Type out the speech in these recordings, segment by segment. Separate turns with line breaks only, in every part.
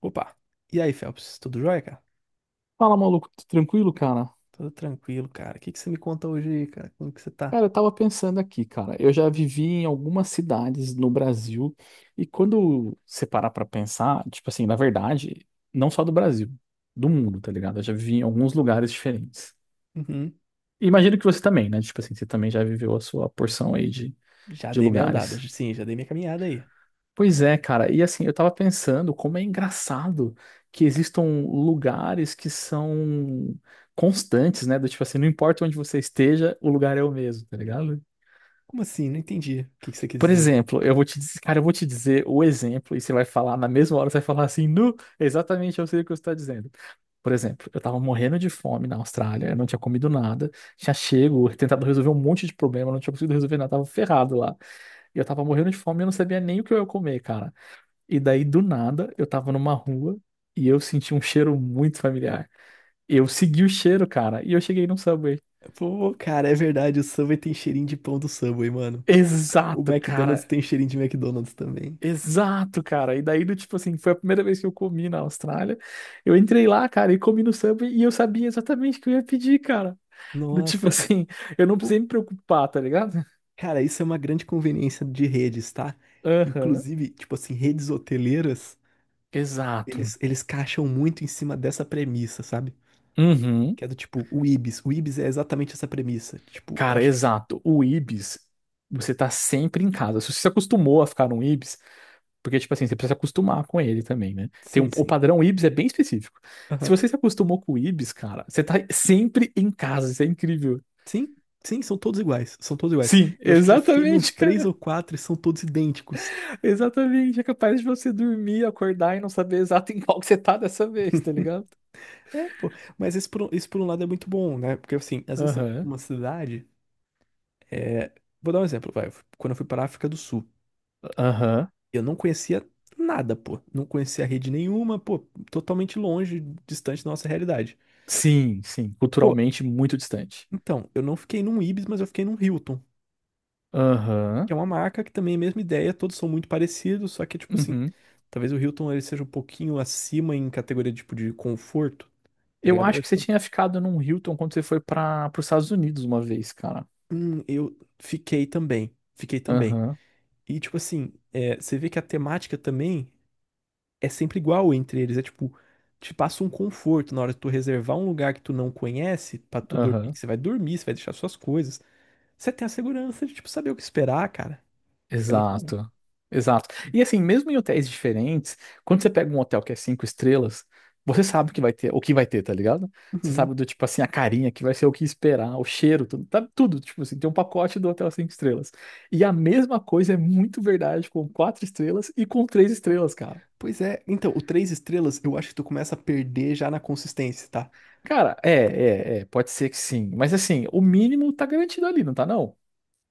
Opa! E aí, Phelps? Tudo jóia, cara?
Fala, maluco, tudo tranquilo, cara?
Tudo tranquilo, cara. O que que você me conta hoje aí, cara? Como que você tá?
Cara, eu tava pensando aqui, cara. Eu já vivi em algumas cidades no Brasil e quando você parar pra pensar, tipo assim, na verdade, não só do Brasil, do mundo, tá ligado? Eu já vivi em alguns lugares diferentes.
Uhum.
E imagino que você também, né? Tipo assim, você também já viveu a sua porção aí de,
Já
de
dei minha andada,
lugares.
sim, já dei minha caminhada aí.
Pois é, cara. E assim, eu tava pensando como é engraçado que existam lugares que são constantes, né? Do tipo assim, não importa onde você esteja, o lugar é o mesmo, tá ligado?
Como assim? Não entendi. O que que você quis
Por
dizer?
exemplo, eu vou te dizer, cara, eu vou te dizer o exemplo e você vai falar, na mesma hora você vai falar assim, nu, exatamente eu sei o que você está dizendo. Por exemplo, eu tava morrendo de fome na Austrália, eu não tinha comido nada, tinha chego, tentado resolver um monte de problema, não tinha conseguido resolver nada, tava ferrado lá. E eu tava morrendo de fome e eu não sabia nem o que eu ia comer, cara. E daí, do nada, eu tava numa rua e eu senti um cheiro muito familiar. Eu segui o cheiro, cara, e eu cheguei num Subway.
Pô, cara, é verdade, o Subway tem cheirinho de pão do Subway, mano. O
Exato,
McDonald's
cara.
tem cheirinho de McDonald's também.
Exato, cara. E daí, do tipo assim, foi a primeira vez que eu comi na Austrália. Eu entrei lá, cara, e comi no Subway e eu sabia exatamente o que eu ia pedir, cara. Do tipo
Nossa.
assim, eu não
Pô,
precisei me preocupar, tá ligado?
cara, isso é uma grande conveniência de redes, tá?
Aham.
Inclusive, tipo assim, redes hoteleiras,
Exato.
eles caixam muito em cima dessa premissa, sabe?
Uhum.
Que é do tipo, o Ibis. O Ibis é exatamente essa premissa. Tipo, eu
Cara,
acho que.
exato. O Ibis, você tá sempre em casa. Se você se acostumou a ficar num Ibis, porque, tipo assim, você precisa se acostumar com ele também, né? Tem um,
Sim,
o
sim.
padrão Ibis é bem específico. Se
Aham.
você se acostumou com o Ibis, cara, você tá sempre em casa. Isso é incrível.
Sim, sim, são todos iguais. São todos iguais.
Sim,
Eu acho que já fiquei nos
exatamente.
três ou quatro e são todos idênticos.
Exatamente, é capaz de você dormir, acordar e não saber exato em qual que você tá dessa vez, tá ligado?
É, pô. Mas isso isso por um lado é muito bom, né? Porque assim, às vezes você vai pra
Aham,
uma cidade. É... Vou dar um exemplo, vai. Quando eu fui para a África do Sul,
aham.
eu não conhecia nada, pô. Não conhecia rede nenhuma, pô. Totalmente longe, distante da nossa realidade.
Sim, sim,
Pô,
culturalmente muito distante.
então, eu não fiquei num Ibis, mas eu fiquei num Hilton, que
Aham,
é uma marca que também é a mesma ideia, todos são muito parecidos, só que, tipo assim,
uhum.
talvez o Hilton ele seja um pouquinho acima em categoria, tipo, de conforto, tá
Eu
ligado?
acho
Eu,
que você tinha ficado num Hilton quando você foi para os Estados Unidos uma vez, cara.
hum, eu fiquei também, fiquei também.
Aham,
E, tipo assim, é, você vê que a temática também é sempre igual entre eles, é tipo, te passa um conforto na hora de tu reservar um lugar que tu não conhece pra tu dormir,
aham.
que você vai dormir, você vai deixar suas coisas. Você tem a segurança de, tipo, saber o que esperar, cara. É muito bom.
Exato, exato. E assim, mesmo em hotéis diferentes, quando você pega um hotel que é cinco estrelas, você sabe que vai ter, o que vai ter, tá ligado? Você
Uhum.
sabe do tipo assim, a carinha que vai ser o que esperar, o cheiro, tudo, tá tudo, tipo assim, tem um pacote do hotel cinco estrelas. E a mesma coisa é muito verdade com quatro estrelas e com três estrelas, cara.
Pois é, então, o três estrelas eu acho que tu começa a perder já na consistência, tá?
Cara, é, é, é, pode ser que sim, mas assim, o mínimo tá garantido ali, não tá não?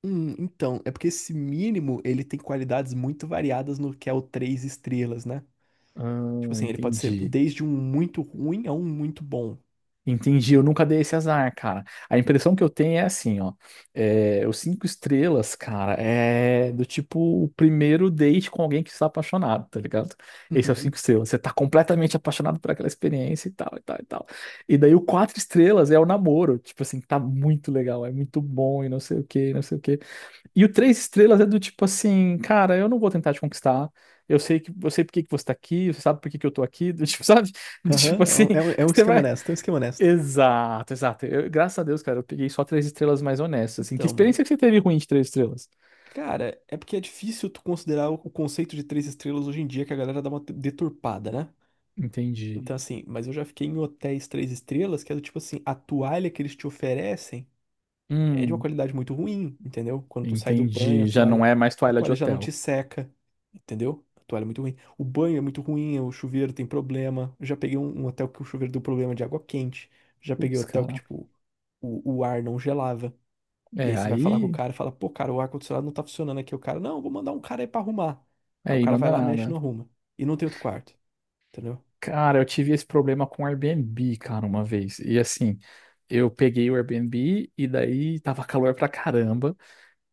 Então, é porque esse mínimo, ele tem qualidades muito variadas no que é o três estrelas, né? Tipo
Ah,
assim, ele pode ser
entendi.
desde um muito ruim a um muito bom.
Entendi, eu nunca dei esse azar, cara. A impressão que eu tenho é assim, ó. É, os cinco estrelas, cara, é do tipo o primeiro date com alguém que está apaixonado, tá ligado? Esse é o
Uhum.
cinco estrelas. Você tá completamente apaixonado por aquela experiência e tal, e tal, e tal. E daí o quatro estrelas é o namoro. Tipo assim, tá muito legal, é muito bom e não sei o quê, e não sei o quê. E o três estrelas é do tipo assim, cara, eu não vou tentar te conquistar. Eu sei que, eu sei por que que você tá aqui, você sabe por que que eu tô aqui, do tipo, sabe? Tipo
Aham, é
assim,
um, é um é um
você
esquema
vai.
honesto, é um esquema honesto.
Exato, exato. Graças a Deus, cara, eu peguei só três estrelas mais honestas. Assim, que
Então, mano,
experiência que você teve ruim de três estrelas?
cara, é porque é difícil tu considerar o conceito de três estrelas hoje em dia, que a galera dá uma deturpada, né?
Entendi.
Então, assim, mas eu já fiquei em hotéis três estrelas, que é do tipo assim, a toalha que eles te oferecem é de uma
Hum,
qualidade muito ruim, entendeu? Quando tu sai do banho,
entendi. Já não é mais
a
toalha de
toalha já não te
hotel.
seca, entendeu? A toalha é muito ruim. O banho é muito ruim, o chuveiro tem problema. Eu já peguei um hotel que o chuveiro deu problema de água quente. Já peguei
Putz,
hotel que,
cara.
tipo, o ar não gelava. E
É,
aí você vai falar com o
aí.
cara e fala, pô, cara, o ar-condicionado não tá funcionando aqui. O cara, não, vou mandar um cara aí pra arrumar. Aí o
Aí,
cara vai
manda
lá, mexe e
nada.
não arruma. E não tem outro quarto, entendeu?
Cara, eu tive esse problema com o Airbnb, cara, uma vez. E assim, eu peguei o Airbnb e daí tava calor pra caramba.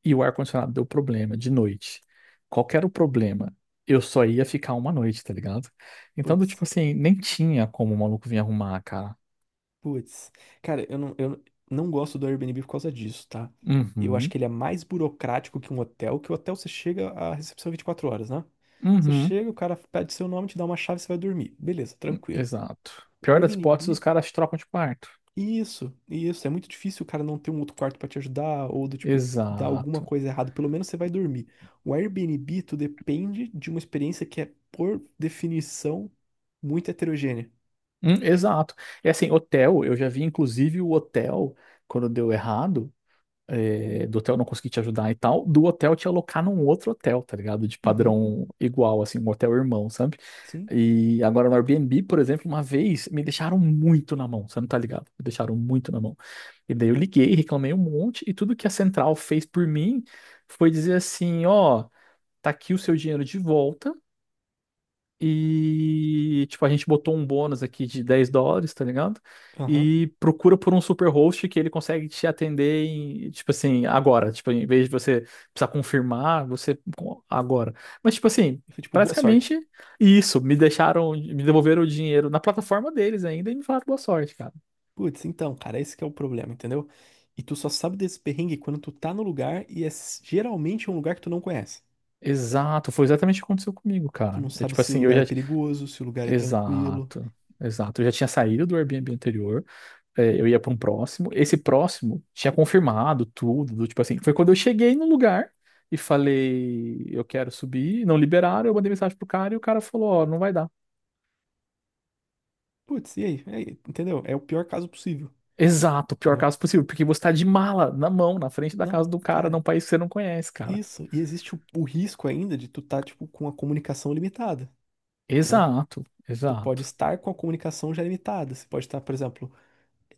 E o ar-condicionado deu problema de noite. Qual que era o problema? Eu só ia ficar uma noite, tá ligado? Então, do tipo
Putz.
assim, nem tinha como o maluco vir arrumar, cara.
Putz, cara, eu não gosto do Airbnb por causa disso, tá? Eu acho
Uhum,
que ele é mais burocrático que um hotel, que o hotel você chega à recepção 24 horas, né? Você
uhum,
chega, o cara pede seu nome, te dá uma chave, você vai dormir. Beleza, tranquilo.
exato.
O
Pior das hipóteses, os
Airbnb,
caras trocam de quarto.
isso, isso. É muito difícil o cara não ter um outro quarto pra te ajudar, ou do tipo, dar alguma
Exato.
coisa errada. Pelo menos você vai dormir. O Airbnb, tu depende de uma experiência que é, por definição, muito heterogênea.
Exato. E assim, hotel, eu já vi inclusive o hotel, quando deu errado, do hotel não conseguir te ajudar e tal, do hotel te alocar num outro hotel, tá ligado? De
Uhum,
padrão igual, assim, um hotel irmão, sabe?
sim,
E agora no Airbnb, por exemplo, uma vez me deixaram muito na mão, você não tá ligado? Me deixaram muito na mão. E daí eu liguei, reclamei um monte, e tudo que a Central fez por mim foi dizer assim: ó, tá aqui o seu dinheiro de volta. E, tipo, a gente botou um bônus aqui de 10 dólares, tá ligado?
aham.
E procura por um super host que ele consegue te atender, em, tipo assim, agora. Tipo, em vez de você precisar confirmar, agora. Mas, tipo assim,
Eu fui tipo, boa sorte.
basicamente isso. Me deixaram, me devolveram o dinheiro na plataforma deles ainda e me falaram boa sorte, cara.
Putz, então, cara, esse que é o problema, entendeu? E tu só sabe desse perrengue quando tu tá no lugar e geralmente um lugar que tu não conhece.
Exato, foi exatamente o que aconteceu comigo,
Tu
cara.
não
É
sabe
tipo
se o
assim, eu
lugar é
já.
perigoso, se o lugar é tranquilo.
Exato, exato. Eu já tinha saído do Airbnb anterior. Eu ia pra um próximo. Esse próximo tinha confirmado tudo, do tipo assim. Foi quando eu cheguei no lugar e falei, eu quero subir, não liberaram, eu mandei mensagem pro cara e o cara falou, ó, não vai dar.
Putz, e aí? E aí, entendeu? É o pior caso possível,
Exato, o pior
entendeu?
caso possível, porque você tá de mala na mão, na frente da
Não,
casa do cara,
cara,
num país que você não conhece, cara.
isso. E existe o risco ainda de tu tá, tipo, com a comunicação limitada, né?
Exato,
Tu pode
exato,
estar com a comunicação já limitada. Você pode estar, por exemplo,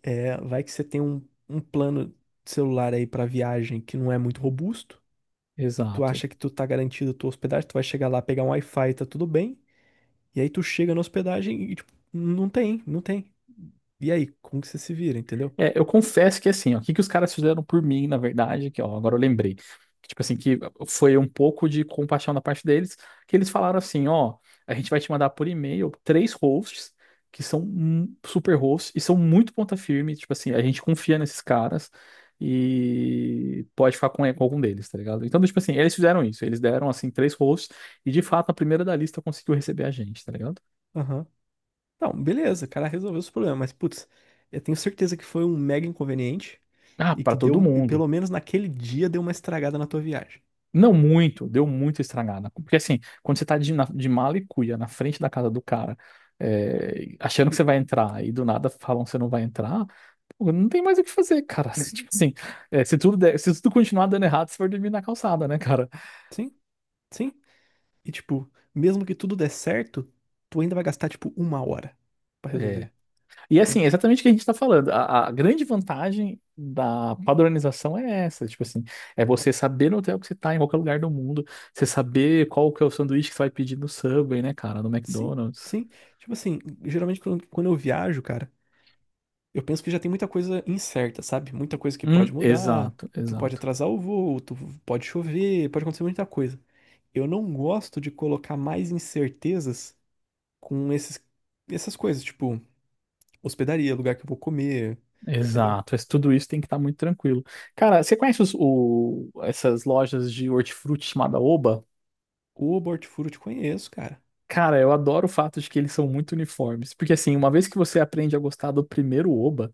é, vai que você tem um, um plano de celular aí pra viagem que não é muito robusto. Tu
exato.
acha que tu tá garantido tua hospedagem, tu vai chegar lá, pegar um Wi-Fi, tá tudo bem. E aí tu chega na hospedagem e, tipo, não tem, não tem. E aí, como que você se vira, entendeu?
É, eu confesso que assim, ó, o que que os caras fizeram por mim, na verdade, que ó, agora eu lembrei. Tipo assim, que foi um pouco de compaixão da parte deles, que eles falaram assim, ó, a gente vai te mandar por e-mail três hosts que são super hosts e são muito ponta firme, tipo assim, a gente confia nesses caras e pode ficar com algum deles, tá ligado? Então, tipo assim, eles fizeram isso, eles deram assim três hosts e de fato a primeira da lista conseguiu receber a gente, tá ligado?
Aham. Não, beleza, o cara resolveu os problemas, mas, putz, eu tenho certeza que foi um mega inconveniente
Ah,
e
pra
que
todo
deu, e
mundo.
pelo menos naquele dia, deu uma estragada na tua viagem.
Não muito, deu muito estragada. Porque assim, quando você tá de mala e cuia na frente da casa do cara, achando que você vai entrar e do nada falam que você não vai entrar, pô, não tem mais o que fazer, cara. Se, tipo assim, se tudo continuar dando errado, você vai dormir na calçada, né, cara?
Sim, sim. E, tipo, mesmo que tudo der certo, tu ainda vai gastar, tipo, uma hora pra
É.
resolver,
E
entendeu?
assim, é exatamente o que a gente tá falando. A grande vantagem da padronização é essa, tipo assim, é você saber no hotel que você tá, em qualquer lugar do mundo, você saber qual que é o sanduíche que você vai pedir no Subway, né, cara, no
Sim,
McDonald's.
sim. Tipo assim, geralmente quando eu viajo, cara. Eu penso que já tem muita coisa incerta, sabe? Muita coisa que pode mudar,
Exato,
tu pode
exato.
atrasar o voo, tu pode chover, pode acontecer muita coisa. Eu não gosto de colocar mais incertezas com esses, essas coisas, tipo, hospedaria, lugar que eu vou comer, entendeu?
Exato, mas tudo isso tem que estar muito tranquilo. Cara, você conhece essas lojas de hortifruti chamada Oba?
O Hortifruti eu te conheço, cara.
Cara, eu adoro o fato de que eles são muito uniformes, porque assim, uma vez que você aprende a gostar do primeiro Oba,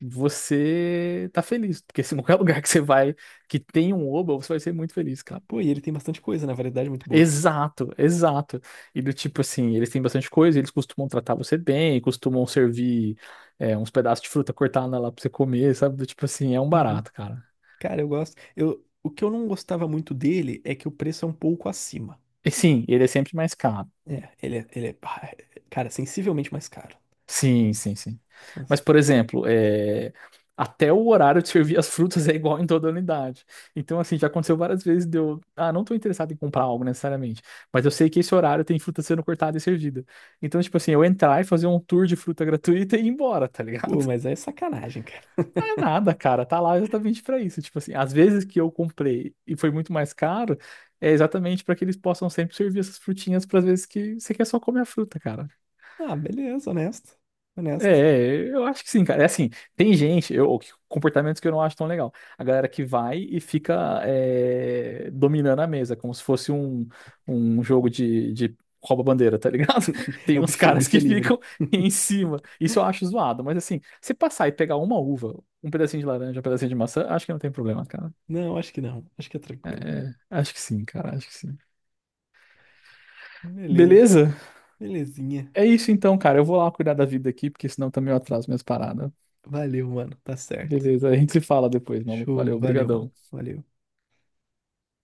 você tá feliz, porque se qualquer lugar que você vai que tem um Oba, você vai ser muito feliz, cara.
Pô, e ele tem bastante coisa, né? Variedade muito boa.
Exato, exato. E do tipo assim, eles têm bastante coisa, eles costumam tratar você bem, costumam servir uns pedaços de fruta cortada lá pra você comer, sabe? Do tipo assim, é um
Uhum.
barato, cara.
Cara, eu gosto. Eu, o que eu não gostava muito dele é que o preço é um pouco acima.
E sim, ele é sempre mais caro.
É, ele é, ele é, ah, é, cara, sensivelmente mais caro.
Sim, sim, sim.
Nossa.
Mas, por exemplo, até o horário de servir as frutas é igual em toda a unidade. Então, assim, já aconteceu várias vezes de eu. Ah, não estou interessado em comprar algo necessariamente, mas eu sei que esse horário tem fruta sendo cortada e servida. Então, tipo assim, eu entrar e fazer um tour de fruta gratuita e ir embora, tá
Pô,
ligado?
mas é sacanagem.
Não é nada, cara. Tá lá exatamente pra isso. Tipo assim, às vezes que eu comprei e foi muito mais caro, é exatamente pra que eles possam sempre servir essas frutinhas para vezes que você quer só comer a fruta, cara.
Ah, beleza, honesto.
É,
Honesto.
é, eu acho que sim, cara. É assim, tem gente, eu, comportamentos que eu não acho tão legal. A galera que vai e fica dominando a mesa, como se fosse um, um jogo de rouba-bandeira, tá ligado?
É
Tem
o
uns
buffet,
caras
buffet
que ficam
livre.
em cima. Isso eu acho zoado, mas assim, se passar e pegar uma uva, um pedacinho de laranja, um pedacinho de maçã, acho que não tem problema, cara.
Não, acho que não. Acho que é
É,
tranquilo.
é, acho que sim, cara, acho que sim.
Beleza.
Beleza?
Belezinha.
É isso então, cara. Eu vou lá cuidar da vida aqui, porque senão também eu atraso minhas paradas.
Valeu, mano. Tá certo.
Beleza, a gente se fala depois, maluco.
Show.
Valeu,
Valeu, mano.
brigadão.
Valeu.